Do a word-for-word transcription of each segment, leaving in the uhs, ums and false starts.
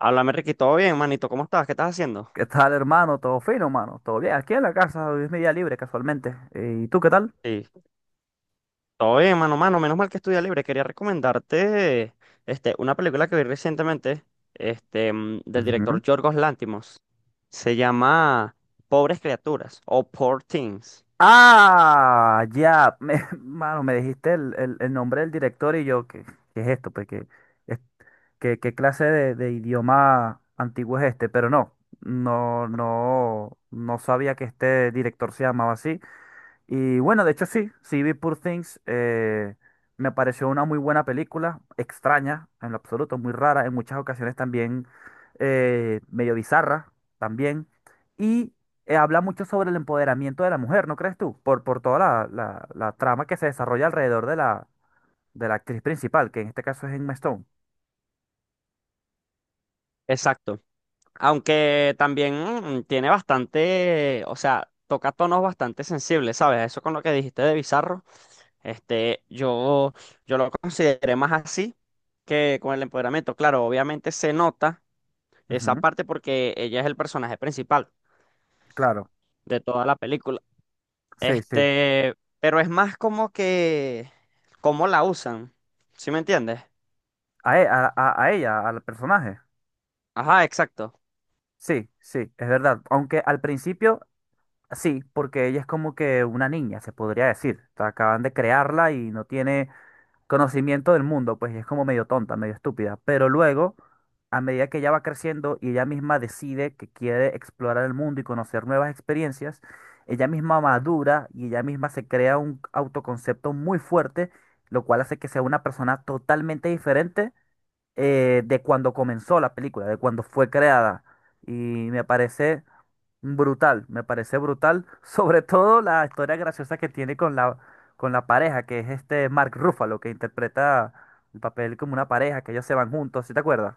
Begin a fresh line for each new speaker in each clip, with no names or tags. Háblame, Ricky, todo bien, manito, ¿cómo estás? ¿Qué estás haciendo?
¿Qué tal, hermano? ¿Todo fino, hermano? ¿Todo bien? Aquí en la casa, hoy es mi día libre, casualmente. Eh, ¿Y tú qué tal?
Sí, todo bien, mano, mano, menos mal que estudia libre. Quería recomendarte este, una película que vi recientemente, este, mm, del director
Ujú.
Yorgos Lantimos. Se llama Pobres Criaturas o Poor Things.
Ah, ya, me, mano, me dijiste el, el- el nombre del director y yo, ¿qué, qué es esto? Pues, ¿qué, es- qué, qué clase de, de idioma antiguo es este? Pero no, no, no, no sabía que este director se llamaba así. Y bueno, de hecho sí, sí vi Poor Things, eh, me pareció una muy buena película, extraña en lo absoluto, muy rara, en muchas ocasiones también eh, medio bizarra también, y eh, habla mucho sobre el empoderamiento de la mujer, ¿no crees tú? Por, por toda la, la- la trama que se desarrolla alrededor de la, de la actriz principal, que en este caso es Emma Stone.
Exacto. Aunque también mm, tiene bastante, o sea, toca tonos bastante sensibles, ¿sabes? Eso con lo que dijiste de bizarro, este, yo, yo lo consideré más así que con el empoderamiento. Claro, obviamente se nota esa
Ujú,
parte porque ella es el personaje principal
claro,
de toda la película.
sí, sí,
Este, pero es más como que cómo la usan, ¿sí me entiendes?
a, e- a a- a ella, al personaje.
Ajá, exacto.
Sí, sí, es verdad. Aunque al principio... Sí, porque ella es como que una niña, se podría decir. O sea, acaban de crearla y no tiene conocimiento del mundo, pues y es como medio tonta, medio estúpida. Pero luego, a medida que ella va creciendo y ella misma decide que quiere explorar el mundo y conocer nuevas experiencias, ella misma madura y ella misma se crea un autoconcepto muy fuerte, lo cual hace que sea una persona totalmente diferente eh, de cuando comenzó la película, de cuando fue creada. Y me parece brutal, me parece brutal. Sobre todo la historia graciosa que tiene con la, con la pareja, que es este Mark Ruffalo, que interpreta el papel como una pareja, que ellos se van juntos, ¿sí te acuerdas?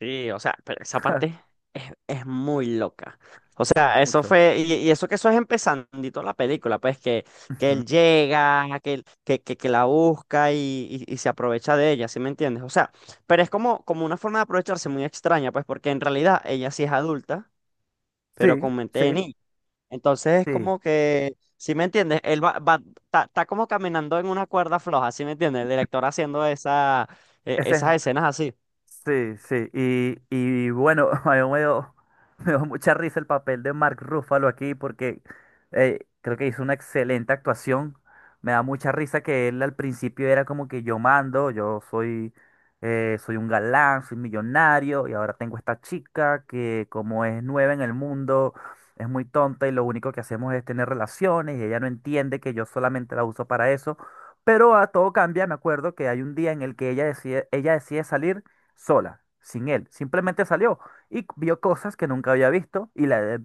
Sí, o sea, pero esa parte es, es muy loca. O sea, eso
Mucho.
fue, y, y eso que eso es empezandito la película, pues que, que
Ujú.
él llega, que, él- que, que, que la busca y, y, y se aprovecha de ella, ¿sí me entiendes? O sea, pero es como, como una forma de aprovecharse muy extraña, pues porque en realidad ella sí es adulta, pero
Sí,
con mente de
sí,
niña. Entonces es
sí.
como que, ¿si me entiendes? Él va, va- está, está como caminando en una cuerda floja, ¿sí me entiendes? El director haciendo esa, e-
Ese
esas
es.
escenas así.
Sí, sí, y, y bueno, a mí me dio, me dio mucha risa el papel de Mark Ruffalo aquí porque eh, creo que hizo una excelente actuación. Me da mucha risa que él al principio era como que yo mando, yo soy, eh, soy un galán, soy millonario y ahora tengo esta chica que como es nueva en el mundo, es muy tonta y lo único que hacemos es tener relaciones y ella no entiende que yo solamente la uso para eso. Pero a todo cambia, me acuerdo que hay un día en el que ella decide, ella decide salir sola, sin él. Simplemente salió y vio cosas que nunca había visto y, la-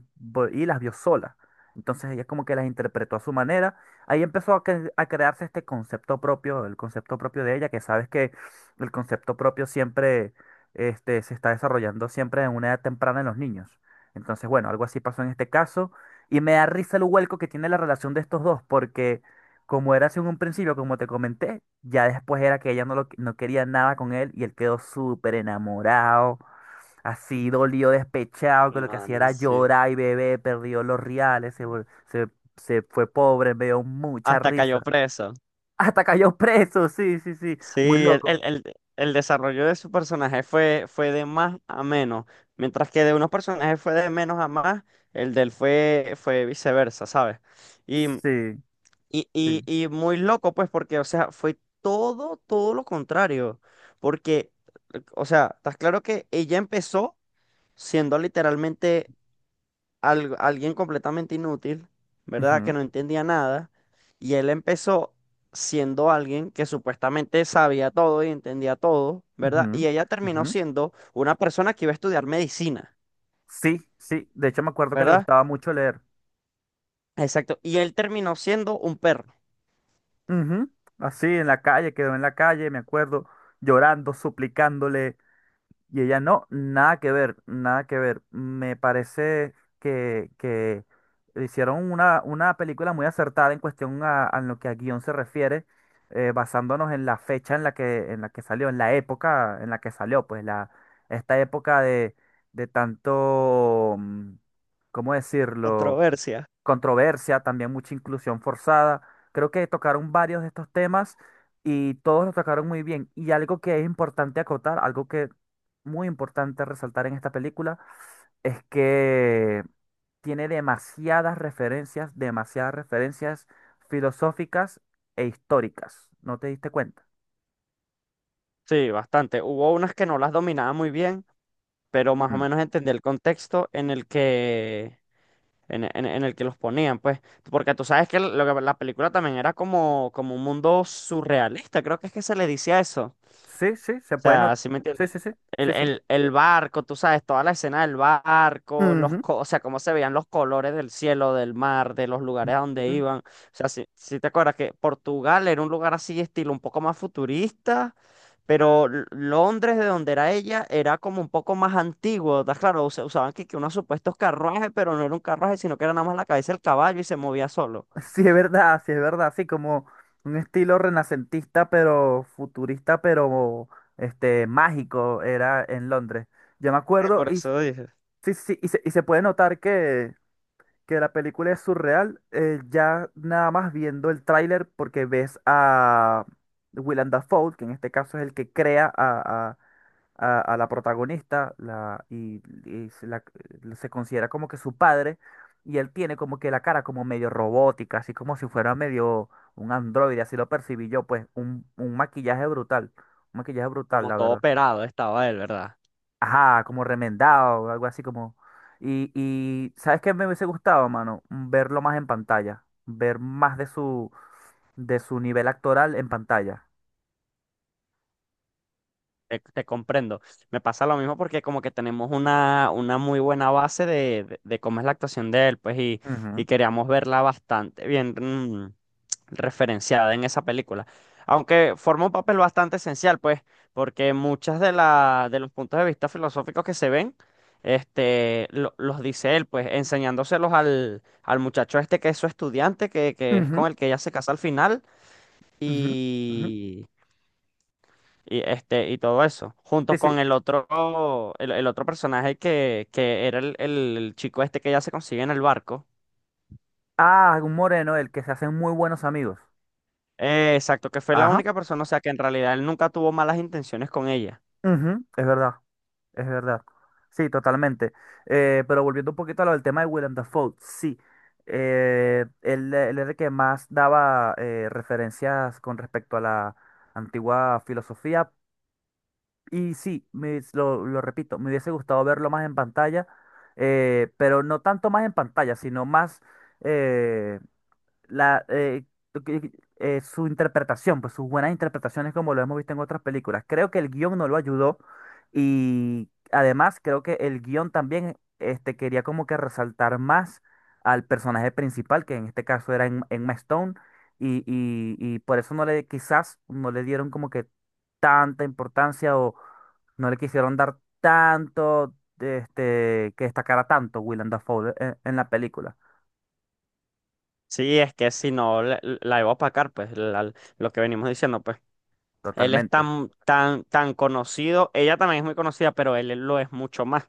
y las vio sola. Entonces ella como que las interpretó a su manera. Ahí empezó a, cre- a crearse este concepto propio, el concepto propio de ella, que sabes que el concepto propio siempre este, se está desarrollando siempre en una edad temprana en los niños. Entonces, bueno, algo así pasó en este caso. Y me da risa el vuelco que tiene la relación de estos dos, porque como era así en un principio, como te comenté, ya después era que ella no, lo, no quería nada con él y él quedó súper enamorado, así dolido, despechado, que lo que
No,
hacía
no,
era
sí.
llorar y beber, perdió los reales, se, vol- se, se fue pobre, me dio mucha
Hasta cayó
risa.
preso.
Hasta cayó preso, sí, sí, sí, muy
Sí, el,
loco.
el, el- el desarrollo de su personaje fue, fue de más a menos, mientras que de unos personajes fue de menos a más, el de él fue, fue viceversa, ¿sabes? Y,
Sí,
y, y,
sí.
y muy loco, pues, porque, o sea, fue todo, todo lo contrario, porque, o sea, estás claro que ella empezó siendo literalmente al- alguien completamente inútil, ¿verdad?
Ujú,
Que no entendía nada. Y él empezó siendo alguien que supuestamente sabía todo y entendía todo, ¿verdad?
ujú,
Y ella terminó
ujú.
siendo una persona que iba a estudiar medicina,
Sí, sí, de hecho me acuerdo que le
¿verdad?
gustaba mucho leer.
Exacto. Y él terminó siendo un perro.
Ujú, así en la calle, quedó en la calle, me acuerdo, llorando, suplicándole. Y ella, no, nada que ver, nada que ver. Me parece que, que hicieron una, una película muy acertada en cuestión a, a lo que a guión se refiere, eh, basándonos en la fecha en la que, en la que salió, en la época en la que salió, pues la, esta época de, de tanto, mm, ¿cómo decirlo?
Controversia.
Controversia, también mucha inclusión forzada. Creo que tocaron varios de estos temas y todos los tocaron muy bien. Y algo que es importante acotar, algo que muy importante resaltar en esta película, es que tiene demasiadas referencias, demasiadas referencias filosóficas e históricas. ¿No te diste cuenta?
Sí, bastante. Hubo unas que no las dominaba muy bien, pero más o
Mm.
menos entendí el contexto en el que en, en- en el que los ponían, pues, porque tú sabes que lo que- la película también era como, como un mundo surrealista, creo que es que se le decía eso.
Sí, sí, se
O
puede
sea,
notar.
¿sí me
Sí,
entiendes?
sí, sí,
El,
sí, sí.
el, el barco, tú sabes, toda la escena del barco, los
Ujú.
co- o sea, cómo se veían los colores del cielo, del mar, de los lugares a donde
Ujú.
iban. O sea, si, si te acuerdas que Portugal era un lugar así, estilo un poco más futurista. Pero L- Londres, de donde era ella, era como un poco más antiguo, ¿estás claro? Usa- usaban que, que unos supuestos carruajes, pero no era un carruaje, sino que era nada más la cabeza del caballo y se movía solo.
Sí, es verdad, sí, es verdad, sí, como un estilo renacentista, pero futurista, pero este mágico era en Londres. Yo me
Eh,
acuerdo
por
y
eso dije.
sí, sí, y se, y se puede notar que que la película es surreal, eh, ya nada más viendo el tráiler porque ves a Willem Dafoe, que en este caso es el que crea a, a- a- a la protagonista la, y, y se, la- eh, se considera como que su padre y él tiene como que la cara como medio robótica, así como si fuera medio un androide, así lo percibí yo, pues un, un maquillaje brutal, un maquillaje brutal,
Como
la
todo
verdad.
operado estaba él, ¿verdad?
Ajá, como remendado, o algo así como. Y, y ¿sabes qué me hubiese gustado, mano? Verlo más en pantalla, ver más de su, de su nivel actoral en pantalla.
Te, te comprendo. Me pasa lo mismo porque como que tenemos una, una muy buena base de, de, de cómo es la actuación de él, pues, y,
Ujú,
y queríamos verla bastante bien, mm, referenciada en esa película. Aunque forma un papel bastante esencial, pues, porque muchas de la, de los puntos de vista filosóficos que se ven, este, lo- los dice él, pues, enseñándoselos al, al muchacho este que es su estudiante, que, que es con
ujú,
el que ella se casa al final,
ujú, ujú.
y, y, este, y todo eso,
Sí,
junto
sí.
con el otro, el, el otro personaje que, que era el, el el chico este que ella se consigue en el barco.
Ah, un moreno, el que se hacen muy buenos amigos.
Eh, exacto, que fue la
Ajá,
única persona, o sea, que en realidad él nunca tuvo malas intenciones con ella.
ujú, es verdad. Es verdad. Sí, totalmente. Eh, pero volviendo un poquito a lo del tema de Willem Dafoe, sí. Eh, él, él era el que más daba eh, referencias con respecto a la antigua filosofía. Y sí, me- lo, lo repito, me hubiese gustado verlo más en pantalla, eh, pero no tanto más en pantalla, sino más eh, la, eh, lo que- eh, su interpretación, pues sus buenas interpretaciones como lo hemos visto en otras películas. Creo que el guión no lo ayudó y además creo que el guión también este, quería como que resaltar más al personaje principal, que en este caso era En- Emma Stone, y, y, y por eso no le, quizás no le dieron como que tanta importancia o no le quisieron dar tanto, este, que destacara tanto Willem Dafoe en, en la película,
Sí, es que si no la, la iba a opacar, pues la- lo que venimos diciendo, pues él es
totalmente.
tan, tan, tan conocido, ella también es muy conocida, pero él lo es mucho más.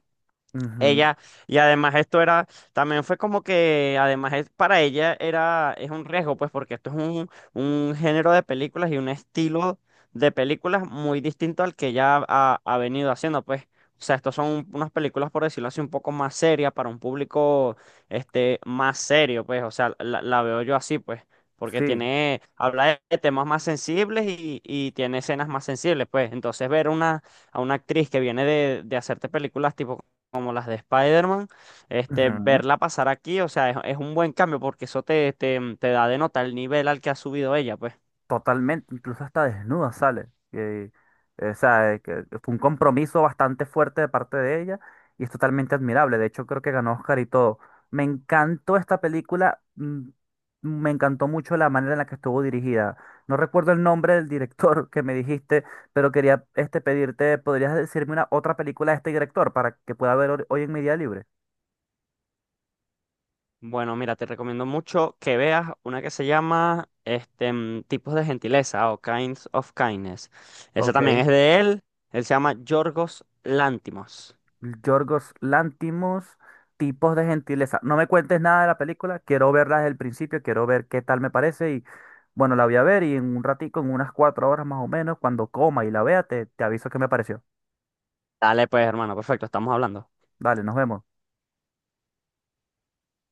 Ujú.
Ella, y además esto era, también fue como que, además es- para ella era, es un riesgo, pues porque esto es un, un género de películas y un estilo de películas muy distinto al que ella ha, ha- ha venido haciendo, pues. O sea, estos son unas películas, por decirlo así, un poco más serias para un público, este, más serio, pues. O sea, la, la veo yo así, pues, porque
Sí,
tiene, habla de de temas más sensibles y, y tiene escenas más sensibles, pues. Entonces ver una a una actriz que viene de, de hacerte películas tipo como las de Spider-Man, este,
ujú,
verla pasar aquí, o sea, es, es un buen cambio porque eso te, te, mm, te da de nota el nivel al que ha subido ella, pues.
totalmente, incluso hasta desnuda sale. Y, eh, o sea, eh, que fue un compromiso bastante fuerte de parte de ella y es totalmente admirable. De hecho, creo que ganó Oscar y todo. Me encantó esta película, mm, me encantó mucho la manera en la que estuvo dirigida. No recuerdo el nombre del director que me dijiste, pero quería este pedirte, ¿podrías decirme una otra película de este director para que pueda ver hor- hoy en mi día libre?
Bueno, mira, te recomiendo mucho que veas una que se llama este, mm, Tipos de Gentileza o Kinds of Kindness. Esa también
Ok.
es de él, él se llama Yorgos Lántimos.
Yorgos Lantimos, tipos de gentileza. No me cuentes nada de la película, quiero verla desde el principio, quiero ver qué tal me parece y bueno, la voy a ver y en un ratico, en unas cuatro horas más o menos, cuando coma y la vea, te, te aviso qué me pareció.
Dale, pues, hermano, perfecto, estamos hablando.
Dale, nos vemos.